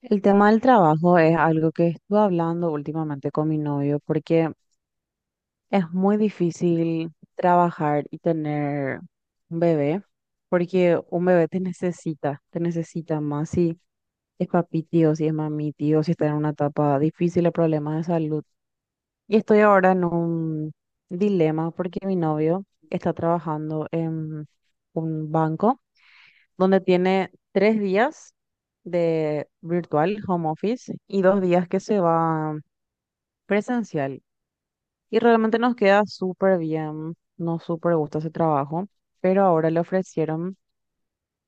El tema del trabajo es algo que estuve hablando últimamente con mi novio porque es muy difícil trabajar y tener un bebé, porque un bebé te necesita más si es papi tío, si es mami tío, si está en una etapa difícil de problemas de salud. Y estoy ahora en un dilema porque mi novio está trabajando en un banco donde tiene 3 días de virtual home office y 2 días que se va presencial. Y realmente nos queda súper bien, nos súper gusta ese trabajo, pero ahora le ofrecieron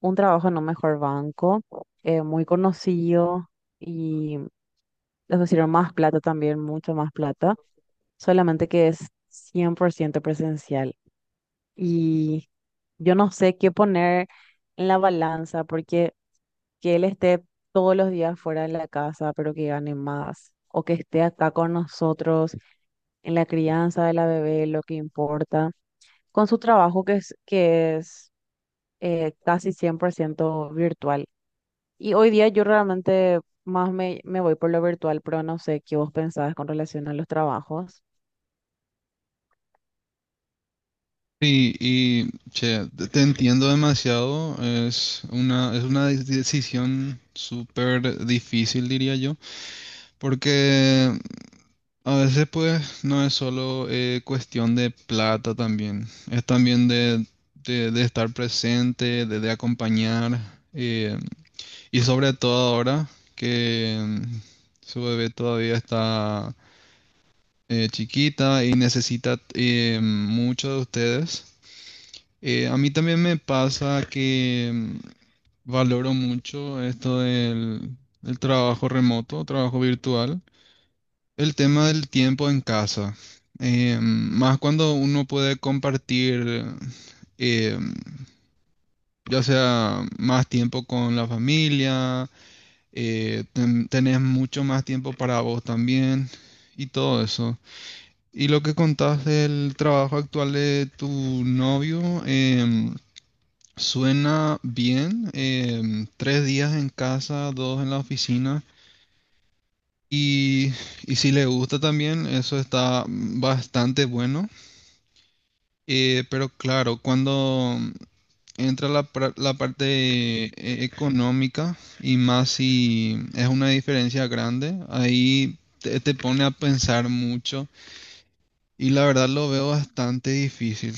un trabajo en un mejor banco, muy conocido, y les ofrecieron más plata también, mucho más plata, solamente que es 100% presencial. Y yo no sé qué poner en la balanza porque que él esté todos los días fuera de la casa, pero que gane más, o que esté acá con nosotros en la crianza de la bebé, lo que importa, con su trabajo que es casi 100% virtual. Y hoy día yo realmente más me voy por lo virtual, pero no sé qué vos pensabas con relación a los trabajos. Sí, y che, te entiendo demasiado. Es una decisión súper difícil, diría yo, porque a veces pues no es solo cuestión de plata también, es también de estar presente, de acompañar, eh, y sobre todo ahora que su bebé todavía está chiquita y necesita mucho de ustedes. A mí también me pasa que valoro mucho esto del trabajo remoto, trabajo virtual, el tema del tiempo en casa. Más cuando uno puede compartir, eh, ya sea más tiempo con la familia. Tenés mucho más tiempo para vos también y todo eso. Y lo que contás del trabajo actual de tu novio, suena bien, 3 días en casa, 2 en la oficina. Y, y si le gusta también, eso está bastante bueno. Pero claro, cuando entra la parte económica, y más si es una diferencia grande, ahí te pone a pensar mucho. Y la verdad lo veo bastante difícil.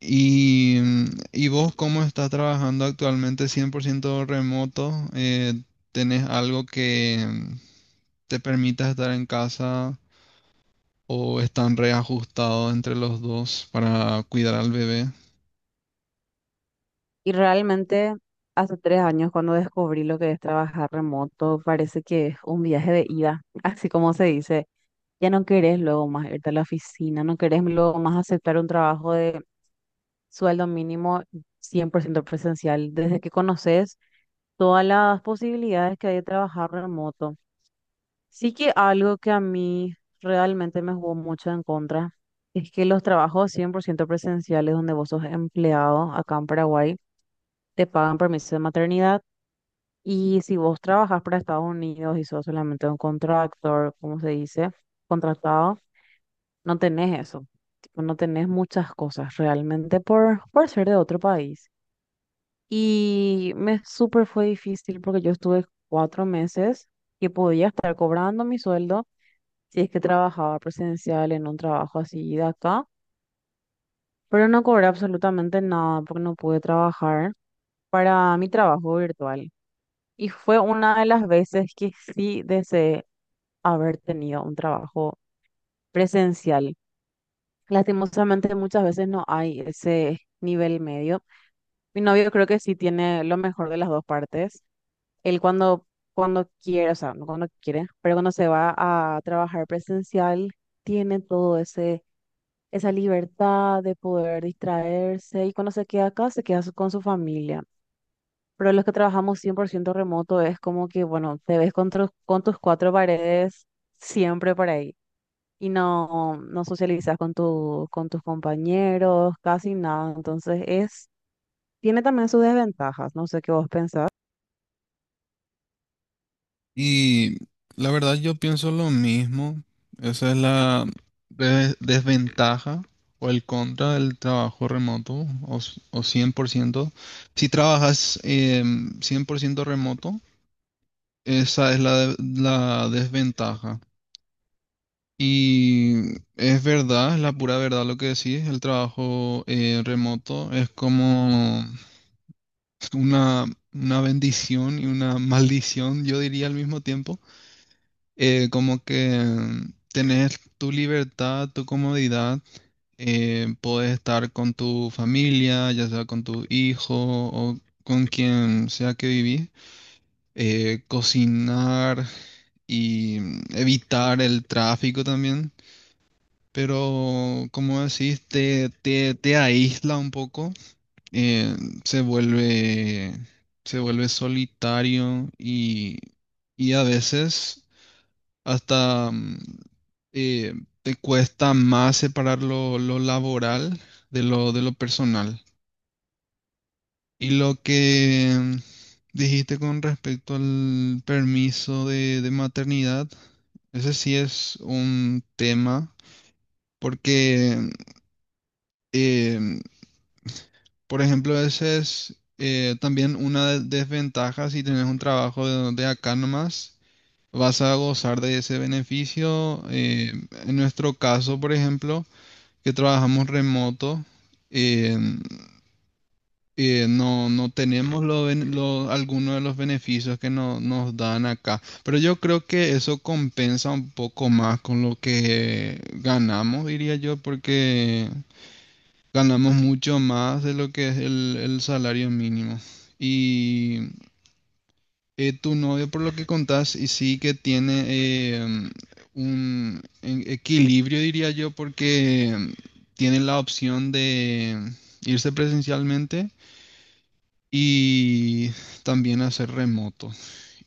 ¿Y, mm, ¿y vos cómo estás trabajando actualmente 100% remoto? ¿Tenés algo que te permita estar en casa, o están reajustados entre los dos para cuidar al bebé? Y realmente hace 3 años, cuando descubrí lo que es trabajar remoto, parece que es un viaje de ida, así como se dice. Ya no querés luego más irte a la oficina, no querés luego más aceptar un trabajo de sueldo mínimo 100% presencial, desde que conoces todas las posibilidades que hay de trabajar remoto. Sí, que algo que a mí realmente me jugó mucho en contra es que los trabajos 100% presenciales donde vos sos empleado acá en Paraguay te pagan permiso de maternidad, y si vos trabajás para Estados Unidos y sos solamente un contractor, como se dice, contratado, no tenés eso. Tipo, no tenés muchas cosas realmente por ser de otro país. Y me súper fue difícil porque yo estuve 4 meses que podía estar cobrando mi sueldo si es que trabajaba presencial en un trabajo así de acá, pero no cobré absolutamente nada porque no pude trabajar para mi trabajo virtual. Y fue una de las veces que sí deseé haber tenido un trabajo presencial. Lastimosamente muchas veces no hay ese nivel medio. Mi novio creo que sí tiene lo mejor de las dos partes. Él cuando quiere, o sea, no cuando quiere, pero cuando se va a trabajar presencial, tiene todo esa libertad de poder distraerse, y cuando se queda acá, se queda con su familia. Pero los que trabajamos 100% remoto es como que, bueno, te ves con tus cuatro paredes siempre para ahí, y no, no socializas con con tus compañeros, casi nada. Entonces tiene también sus desventajas, no sé qué vos pensás. Y la verdad yo pienso lo mismo. Esa es la desventaja o el contra del trabajo remoto, o 100%. Si trabajas 100% remoto, esa es la desventaja. Y es verdad, es la pura verdad lo que decís, el trabajo remoto es como una, una bendición y una maldición, yo diría al mismo tiempo. Como que tenés tu libertad, tu comodidad, podés estar con tu familia, ya sea con tu hijo o con quien sea que vivís, cocinar y evitar el tráfico también. Pero como decís, te aísla un poco, eh, se vuelve, se vuelve solitario, y a veces hasta eh, te cuesta más separar lo laboral de lo personal. Y lo que dijiste con respecto al permiso de maternidad, ese sí es un tema, porque eh, mm, por ejemplo, ese es también una desventaja si tienes un trabajo de acá nomás. Vas a gozar de ese beneficio. En nuestro caso, por ejemplo, que trabajamos remoto, eh, no tenemos alguno de los beneficios que nos dan acá. Pero yo creo que eso compensa un poco más con lo que ganamos, diría yo, porque ganamos mucho más de lo que es el salario mínimo. Y tu novio, por lo que contás, y sí que tiene un equilibrio, diría yo, porque tiene la opción de irse presencialmente y también hacer remoto.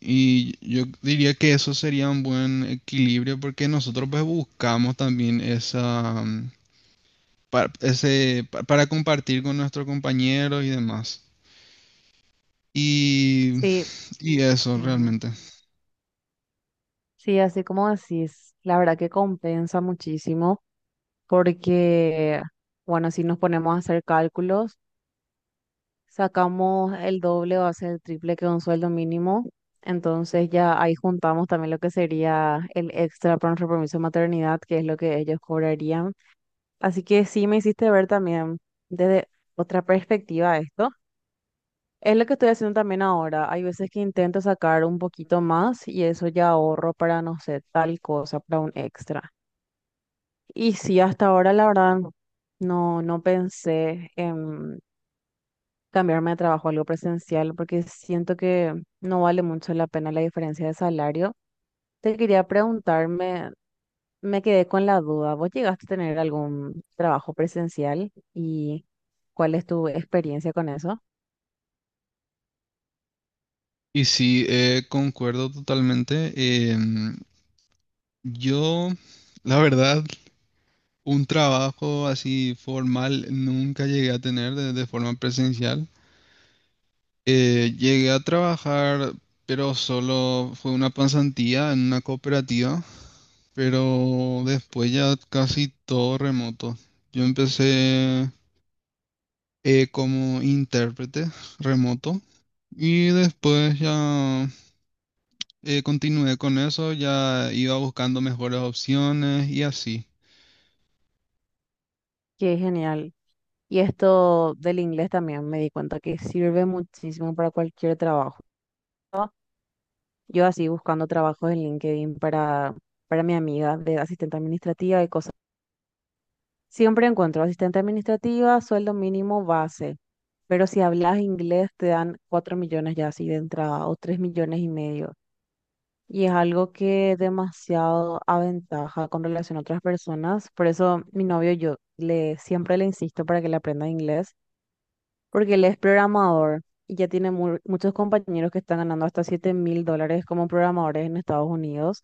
Y yo diría que eso sería un buen equilibrio, porque nosotros pues buscamos también esa, mm, pa- ese, pa- para compartir con nuestros compañeros y demás. Y, Sí. y eso Ujú. realmente. Sí, así como decís, la verdad que compensa muchísimo porque, bueno, si nos ponemos a hacer cálculos, sacamos el doble o hace el triple que un sueldo mínimo, entonces ya ahí juntamos también lo que sería el extra por nuestro permiso de maternidad, que es lo que ellos cobrarían. Así que sí me hiciste ver también desde otra perspectiva esto. Es lo que estoy haciendo también ahora. Hay veces que intento sacar un poquito más y eso ya ahorro para, no sé, tal cosa, para un extra. Y sí, hasta ahora la verdad no, no pensé en cambiarme de trabajo a algo presencial porque siento que no vale mucho la pena la diferencia de salario. Te quería preguntarme. Me quedé con la duda. ¿Vos llegaste a tener algún trabajo presencial, y cuál es tu experiencia con eso? Y sí, concuerdo totalmente. Em, yo, la verdad, un trabajo así formal nunca llegué a tener de forma presencial. Llegué a trabajar, pero solo fue una pasantía en una cooperativa, pero después ya casi todo remoto. Yo empecé como intérprete remoto y después continué con eso, ya iba buscando mejores opciones y así. Qué genial. Y esto del inglés también me di cuenta que sirve muchísimo para cualquier trabajo. Yo así buscando trabajos en LinkedIn para mi amiga de asistente administrativa y cosas. Siempre encuentro asistente administrativa, sueldo mínimo base. Pero si hablas inglés te dan 4 millones ya así de entrada, o 3,5 millones. Y es algo que demasiado aventaja con relación a otras personas. Por eso mi novio, yo le siempre le insisto para que le aprenda inglés, porque él es programador y ya tiene muchos compañeros que están ganando hasta $7.000 como programadores en Estados Unidos.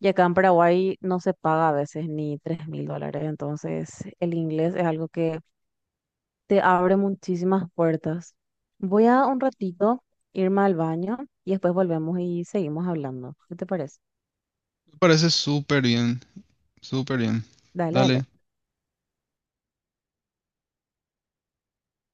Y acá en Paraguay no se paga a veces ni $3.000. Entonces el inglés es algo que te abre muchísimas puertas. Voy a un ratito irme al baño y después volvemos y seguimos hablando, ¿qué te parece? Me parece súper bien, súper bien. Dale, dale. Dale.